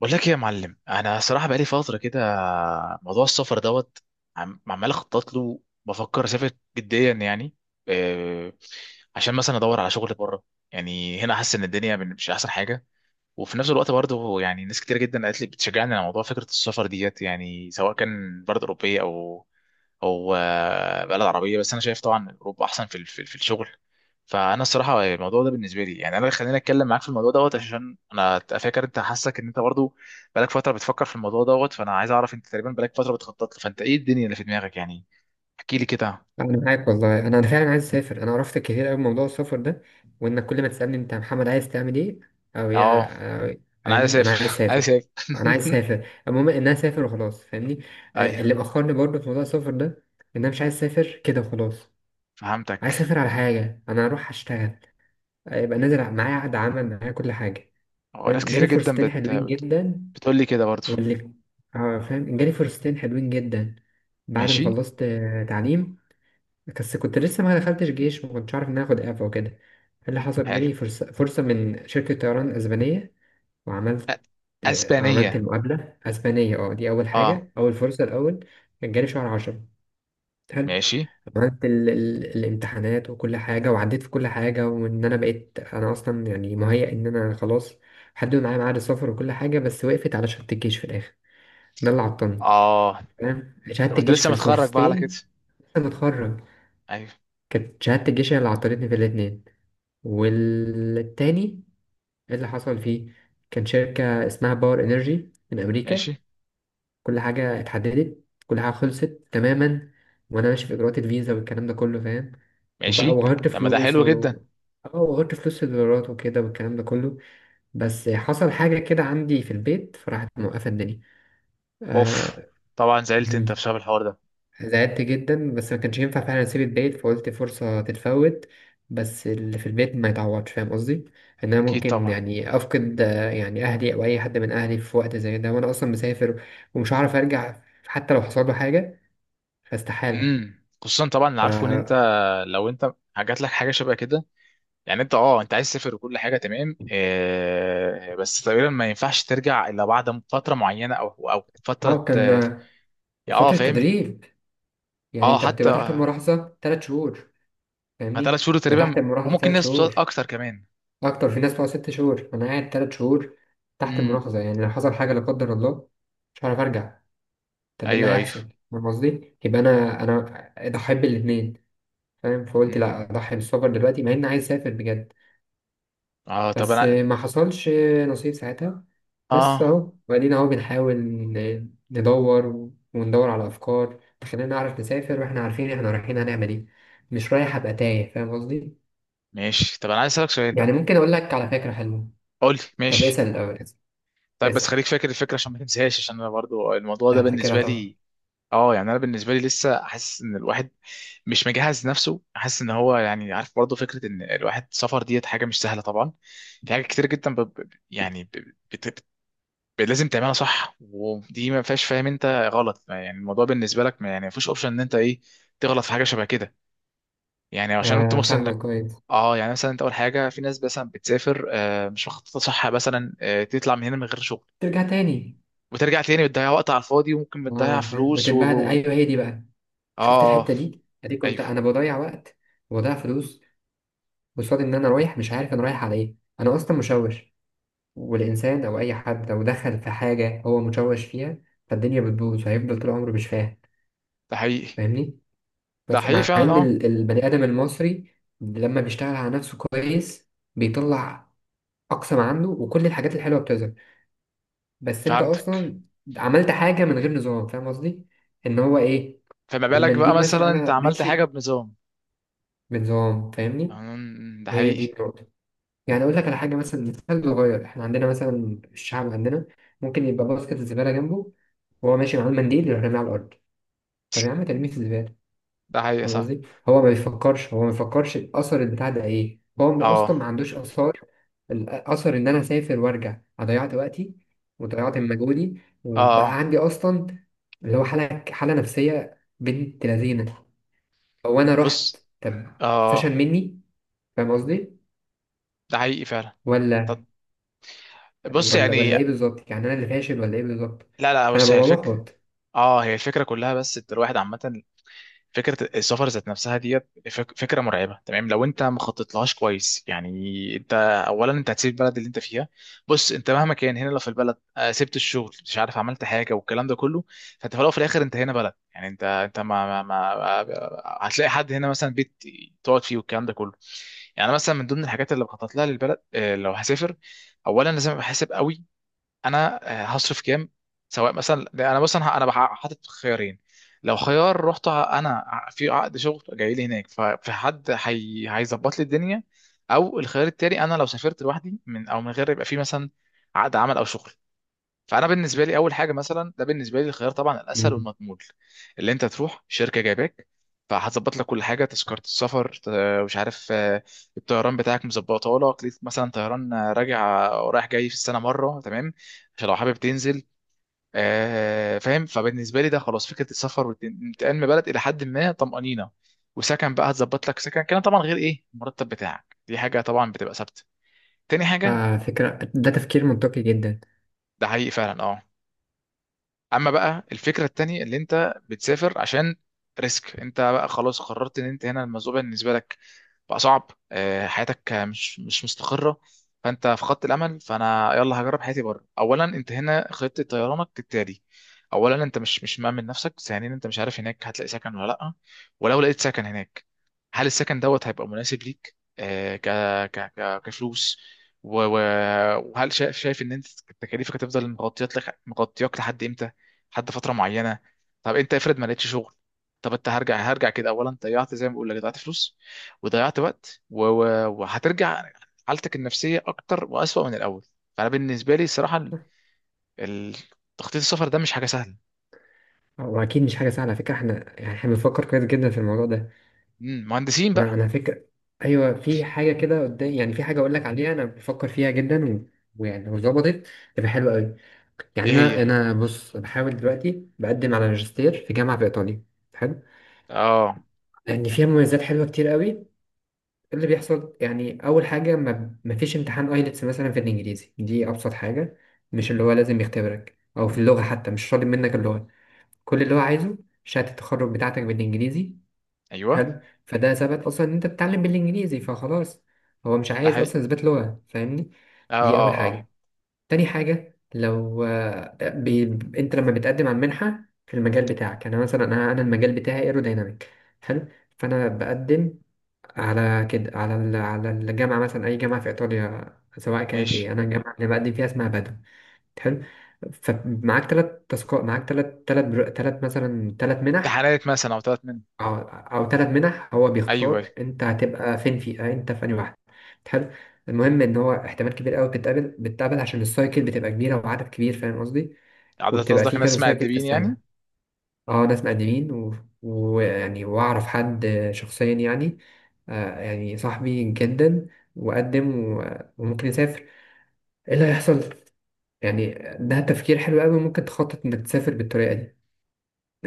بقول لك ايه يا معلم؟ انا صراحه بقالي فتره كده موضوع السفر دوت. عمال اخطط له، بفكر اسافر جديا يعني. آه، عشان مثلا ادور على شغل بره. يعني هنا حاسس ان الدنيا مش احسن حاجه. وفي نفس الوقت برضه، يعني ناس كتير جدا قالت لي، بتشجعني على موضوع فكره السفر ديت، يعني سواء كان بلد اوروبيه او بلد عربيه. بس انا شايف طبعا اوروبا احسن في الشغل. فانا الصراحه الموضوع ده بالنسبه لي، يعني انا اللي خليني اتكلم معاك في الموضوع دوت، عشان انا فاكر انت حاسك ان انت برضه بقالك فتره بتفكر في الموضوع دوت. فانا عايز اعرف، انت تقريبا بقالك فتره بتخطط له، فانت ايه الدنيا اللي في دماغك يعني؟ احكي لي كده. انا معاك والله، انا فعلا عايز اسافر. انا عرفت كتير قوي موضوع السفر ده، وانك كل ما تسالني: انت يا محمد عايز تعمل ايه او يا اه، أو- انا عايز فاهمني انا عايز اسافر عايز اسافر. اسافر انا عايز اسافر. المهم ان انا اسافر وخلاص، فاهمني. ايوه. اللي مأخرني برضه في موضوع السفر ده ان انا مش عايز اسافر كده وخلاص. عايز فهمتك. اسافر على حاجه، انا اروح اشتغل. يبقى نازل معايا عقد عمل، معايا كل حاجه. هو ناس فاهم، كتيره جالي جدا فرصتين حلوين جدا. بتقول لي كده برضو. واللي اه فاهم جالي فرصتين حلوين جدا بعد ما ماشي. خلصت تعليم، بس كنت لسه ما دخلتش جيش وما كنتش عارف ان انا اخد اعفاء. وكده إيه اللي حصل؟ حلو. جالي فرصة من شركة طيران اسبانية. وعملت أ- عملت اسبانيه؟ المقابلة اسبانية، اه، دي اول اه. حاجة، اول فرصة، الاول. كان جالي شهر عشرة. حلو. ماشي. عملت الامتحانات وكل حاجة، وعديت في كل حاجة، وان انا بقيت انا اصلا يعني مهيأ ان انا خلاص. حددوا معايا ميعاد السفر وكل حاجة، بس وقفت على شهادة الجيش في الاخر. ده اللي عطلني. اه، تمام، طب شهادة انت الجيش لسه في متخرج بقى على كده؟ الفرصتين. لسه متخرج. ايوه. كانت شهادة الجيش هي اللي عطلتني في الاتنين. والتاني اللي حصل فيه كان شركة اسمها باور انرجي من امريكا. ماشي. كل حاجة اتحددت، كل حاجة خلصت تماما، وانا ماشي في اجراءات الفيزا والكلام ده كله، فاهم. وبقى ماشي. وغيرت طب ما ده فلوس حلو جدا. و اه وغيرت فلوس في الدولارات وكده والكلام ده كله. بس حصل حاجة كده عندي في البيت، فراحت موقفة الدنيا. اوف. آه. طبعا زعلت انت بسبب الحوار ده. زعلت جدا بس ما كانش ينفع فعلا اسيب البيت، فقلت فرصة تتفوت. بس اللي في البيت ما يتعوضش، فاهم قصدي؟ ان انا اكيد ممكن طبعا. يعني افقد يعني اهلي او اي حد من اهلي في وقت زي ده وانا اصلا مسافر ومش هعرف ارجع حتى لو حصل له حاجة، فاستحالة. امم، خصوصا طبعا اللي ف عارفه ان انت لو انت جات لك حاجه شبه كده. يعني انت اه، انت عايز تسافر وكل حاجه تمام آه، بس تقريبا ما ينفعش ترجع الا بعد فتره معينه او او فتره كان اه، آه، فترة فاهم. تدريب. يعني اه، انت حتى بتبقى تحت الملاحظة 3 شهور. ثلاث فاهمني، شهور انا تقريبا، تحت الملاحظة وممكن تلات ناس بتقعد شهور اكتر كمان. اكتر، في ناس بتقعد 6 شهور. انا قاعد 3 شهور تحت امم. الملاحظة، يعني لو حصل حاجة لا قدر الله مش هعرف ارجع. طب ايه اللي ايوه، ايوه. هيحصل؟ فاهم قصدي؟ يبقى انا اضحي بالاثنين. فاهم؟ فقلت لا، امم. اضحي بالسفر دلوقتي مع اني عايز اسافر بجد. اه، طب بس انا ما حصلش نصيب ساعتها. بس اه اهو، وبعدين اهو بنحاول ندور وندور على افكار تخلينا نعرف نسافر واحنا عارفين احنا رايحين هنعمل ايه، مش رايح ابقى تايه، فاهم قصدي. ماشي، طب انا عايز اسالك سؤال يعني بقى. ممكن اقول لك على فكره حلوه. قول لي طب ماشي. اسال الاول. اسال. طيب بس اسال. خليك فاكر الفكره عشان ما تنساهاش، عشان انا برضو الموضوع ده لا، فاكرها بالنسبه طبعا. لي اه. يعني انا بالنسبه لي لسه حاسس ان الواحد مش مجهز نفسه، حاسس ان هو يعني عارف برضو فكره ان الواحد سفر ديت حاجه مش سهله طبعا. في حاجات كتير جدا يعني بت... بت... لازم تعملها صح، ودي ما فيهاش فاهم انت غلط. يعني الموضوع بالنسبه لك ما يعني ما فيش اوبشن ان انت ايه، تغلط في حاجه شبه كده، يعني عشان انت آه، محسن. فاهمك كويس. اه، يعني مثلا انت اول حاجه في ناس مثلا بتسافر مش مخططه صح، مثلا تطلع من هنا من غير شغل ترجع تاني. وترجع تاني، بتضيع وقت على الفاضي، وممكن بتضيع اه فاهم، فلوس وتتبهدل. ايوه، هي دي بقى. اه. شفت الحتة دي اديك؟ قلت ايوه، انا بضيع وقت وبضيع فلوس. قصاد ان انا رايح مش عارف انا رايح على ايه، انا اصلا مشوش. والانسان او اي حد لو دخل في حاجة هو مشوش فيها، فالدنيا بتبوظ وهيفضل طول عمره مش فاهم، ده حقيقي. فاهمني. ده بس حقيقي مع فعلا ان اه. البني ادم المصري لما بيشتغل على نفسه كويس بيطلع اقصى ما عنده، وكل الحاجات الحلوة بتظهر. بس انت فهمتك. اصلا عملت حاجة من غير نظام، فاهم قصدي ان هو ايه. فما بالك بقى المنديل مثلا، مثلا انت انا عملت حاجه ماشي بنظام. بنظام، فاهمني. ده هي دي حقيقي. النقطة. يعني اقول لك على حاجه، مثلا مثال صغير. احنا عندنا مثلا، الشعب عندنا ممكن يبقى باسكت الزباله جنبه وهو ماشي معاه المنديل، يروح راميه على الارض. طب يا عم ترميه في الزباله. ده حقيقي فاهم صح. قصدي؟ هو ما بيفكرش. هو ما بيفكرش الاثر البتاع ده ايه. هو اصلا اه، ما عندوش اثار. الاثر ان انا اسافر وارجع، أنا ضيعت وقتي وضيعت من مجهودي، وبقى اه. عندي اصلا اللي هو حاله نفسيه بنت لذينه. هو انا رحت، بص. طب فشل اه، مني، فاهم قصدي؟ ده حقيقي فعلا. ولا طب بص ولا ولا يعني، ايه بالظبط؟ يعني انا اللي فاشل ولا ايه بالظبط؟ لا، لا، فانا بص هي ببقى الفكره. محبط. اه، هي الفكره كلها، بس انت الواحد عامه فكره السفر ذات نفسها ديت فكره مرعبه تمام لو انت ما خططتلهاش كويس. يعني انت اولا انت هتسيب البلد اللي انت فيها. بص، انت مهما كان هنا لو في البلد، سبت الشغل، مش عارف عملت حاجه والكلام ده كله، فانت في الاول وفي الاخر انت هنا بلد، يعني انت ما هتلاقي حد هنا مثلا بيت تقعد فيه والكلام ده كله. يعني مثلا من ضمن الحاجات اللي بخطط لها للبلد، لو هسافر، اولا لازم احسب قوي انا هصرف كام، سواء مثلا. لا، انا مثلا انا حاطط خيارين. لو خيار رحت في عقد شغل جاي لي هناك، ففي حد هيظبط لي الدنيا. او الخيار التاني، انا لو سافرت لوحدي من او من غير يبقى في مثلا عقد عمل او شغل. فانا بالنسبه لي اول حاجه، مثلا ده بالنسبه لي الخيار طبعا الاسهل مم. والمضمون اللي انت تروح شركه جايباك، فهتظبط لك كل حاجه، تذكره السفر مش عارف، الطيران بتاعك مظبطه لك ليك، مثلا طيران راجع ورايح جاي في السنه مره تمام، عشان لو حابب تنزل، فاهم. فبالنسبه لي ده خلاص فكره السفر والانتقال من بلد الى حد ما طمانينه. وسكن بقى هتظبط لك سكن كده طبعا، غير ايه المرتب بتاعك دي حاجه طبعا بتبقى ثابته. تاني حاجه، آه، فكرة ده تفكير منطقي جدا. ده حقيقي فعلا اه. اما بقى الفكره التانية اللي انت بتسافر عشان ريسك، انت بقى خلاص قررت ان انت هنا الموضوع بالنسبه لك بقى صعب، حياتك مش مستقره، فانت فقدت الامل، فانا يلا هجرب حياتي بره. اولا انت هنا خطه طيرانك كالتالي، اولا انت مش مأمن نفسك، ثانيا انت مش عارف هناك هتلاقي سكن ولا لا. ولو لقيت سكن هناك هل السكن دوت هيبقى مناسب ليك، كفلوس؟ وهل شايف، شايف ان انت تكاليفك هتفضل مغطيات لك مغطياك لحد امتى، لحد فتره معينه. طب انت افرض ما لقيتش شغل؟ طب انت هرجع، هرجع كده، اولا ضيعت، زي ما بقول لك ضيعت فلوس وضيعت وقت وهترجع حالتك النفسيه اكتر واسوأ من الاول. فانا بالنسبه لي الصراحه ال- تخطيط السفر ده مش حاجه سهله. واكيد مش حاجة سهلة، على فكرة احنا يعني احنا بنفكر كويس جدا في الموضوع ده. مم، مهندسين انا بقى. انا فكرة. ايوه، في حاجة كده قدام، يعني في حاجة اقول لك عليها انا بفكر فيها جدا ويعني لو ظبطت تبقى حلوة قوي. يعني ايه انا هي؟ انا بص، بحاول دلوقتي بقدم على ماجستير في جامعة في ايطاليا. حلو. اه. لان فيها مميزات حلوة كتير قوي. اللي بيحصل يعني، اول حاجه ما فيش امتحان ايلتس مثلا في الانجليزي. دي ابسط حاجه. مش اللي هو لازم يختبرك او في اللغه، مم، حتى مش طالب منك اللغه. كل اللي هو عايزه شهاده التخرج بتاعتك بالانجليزي. ايوه، حلو. فده ثبت اصلا ان انت بتتعلم بالانجليزي فخلاص، هو مش ده عايز حقيقي. اصلا اثبات لغه، فاهمني. اه، دي اه، اول اه. حاجه. تاني حاجه، لو انت لما بتقدم على المنحه في المجال بتاعك. انا مثلا، أنا المجال بتاعي ايرودايناميك. حلو. فانا بقدم على كده على ال- على الجامعة، مثلا أي جامعة في إيطاليا، سواء كانت ماشي. إيه. أنا الجامعة اللي بقدم فيها اسمها بادو. حلو. فمعاك 3 تاسكات، معاك تلات تلات برو- تلات مثلا 3 منح. امتحانات مثلا او ثلاث من؟ أو 3 منح، هو ايوه. أيوة. بيختار أنت هتبقى فين، في أنت في أنهي واحدة. حلو. المهم إن هو احتمال كبير أوي بتتقابل عشان السايكل بتبقى كبيرة وعدد كبير، فاهم قصدي؟ عدد وبتبقى قصدك فيه كذا ناس سايكل في مؤدبين يعني؟ السنة. اه، ناس مقدمين، ويعني، واعرف حد شخصيا يعني يعني صاحبي جدا، وقدم وممكن يسافر. ايه اللي هيحصل يعني؟ ده تفكير حلو قوي. ممكن تخطط انك تسافر بالطريقة دي.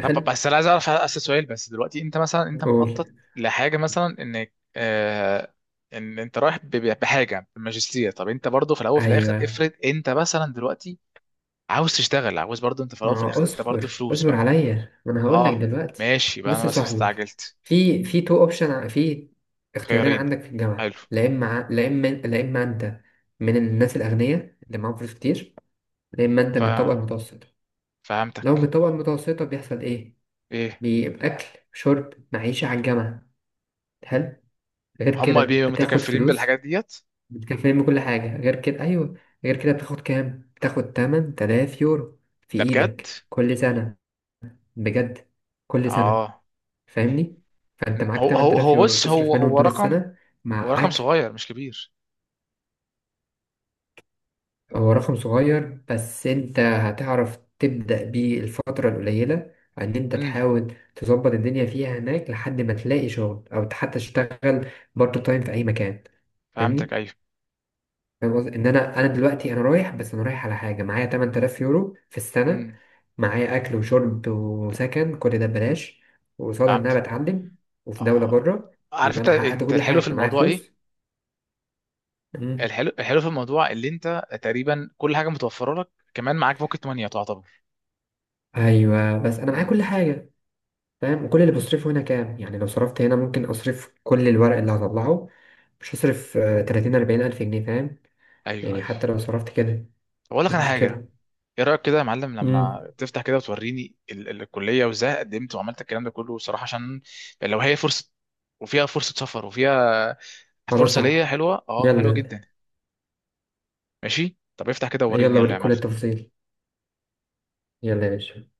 طب بس انا عايز اعرف، اسال سؤال بس دلوقتي، انت مثلا انت قول. مخطط لحاجه مثلا انك آه، ان انت رايح بحاجه بماجستير، طب انت برضو في الاول وفي الاخر ايوه، افرض انت مثلا دلوقتي عاوز تشتغل، عاوز برضو انت في الاول ما وفي هو الاخر انت برضو اصبر فلوس اصبر بقى. عليا، ما انا هقول لك اه. دلوقتي. ماشي بقى، بص انا يا مثلا صاحبي، استعجلت. في تو اوبشن، في اختيارين خيارين. عندك في حلو. الجامعة: لا اما ع- لا اما لا اما انت من الناس الاغنياء اللي معاهم فلوس كتير، لا اما انت ف من الطبقة المتوسطة. لو فهمتك. بالطبقة المتوسطة بيحصل إيه؟ ايه؟ بيبقى أكل، شرب، معيشة على الجامعة. حلو. غير كده هما بيبقوا بتاخد متكفلين فلوس بالحاجات ديت؟ بتكفيهم بكل حاجة. غير كده أيوه. غير كده بتاخد كام؟ بتاخد 8000 يورو في ده بجد؟ إيدك كل سنة. بجد؟ كل سنة. اه. فاهمني؟ فأنت معاك هو تمن هو تلاف هو يورو بص، تصرف هو منهم هو طول رقم، السنة هو مع رقم أكل. صغير مش كبير. هو رقم صغير بس انت هتعرف تبدأ بيه الفترة القليلة، ان انت امم. تحاول تظبط الدنيا فيها هناك لحد ما تلاقي شغل او حتى تشتغل بارت تايم في اي مكان. فهمتك، فاهمني. ايوه. فاهم قصدي ان انا دلوقتي انا رايح، بس انا رايح على حاجة معايا 8000 يورو في السنة، امم. معايا اكل وشرب وسكن كل ده ببلاش، وقصاد ان انا فهمتك. بتعلم وفي دولة اه، بره. عارف يبقى انت انا حققت انت كل الحلو في حاجة، معايا الموضوع ايه، فلوس. مم. الحلو الحلو في الموضوع اللي انت تقريبا كل حاجه متوفره لك، كمان معاك بوكيت مانيا تعتبر. ايوه، بس انا معايا كل امم. حاجة. فاهم كل اللي بصرفه هنا كام يعني؟ لو صرفت هنا ممكن اصرف كل الورق اللي هطلعه. مش هصرف 30 40 الف جنيه، فاهم؟ ايوه، يعني ايوه. حتى لو صرفت كده اقول لك مفيش انا حاجه، مشكلة. ايه رايك كده يا معلم امم. لما تفتح كده وتوريني ال ال الكليه وازاي قدمت وعملت الكلام ده كله صراحه، عشان لو هي فرصه وفيها فرصه سفر وفيها خلاص فرصه تعال. ليا حلوه اه حلوه يلا. جدا. ماشي، طب افتح كده ووريني يلا يلا يا اوريك كل معلم. التفاصيل. يلا يا باشا.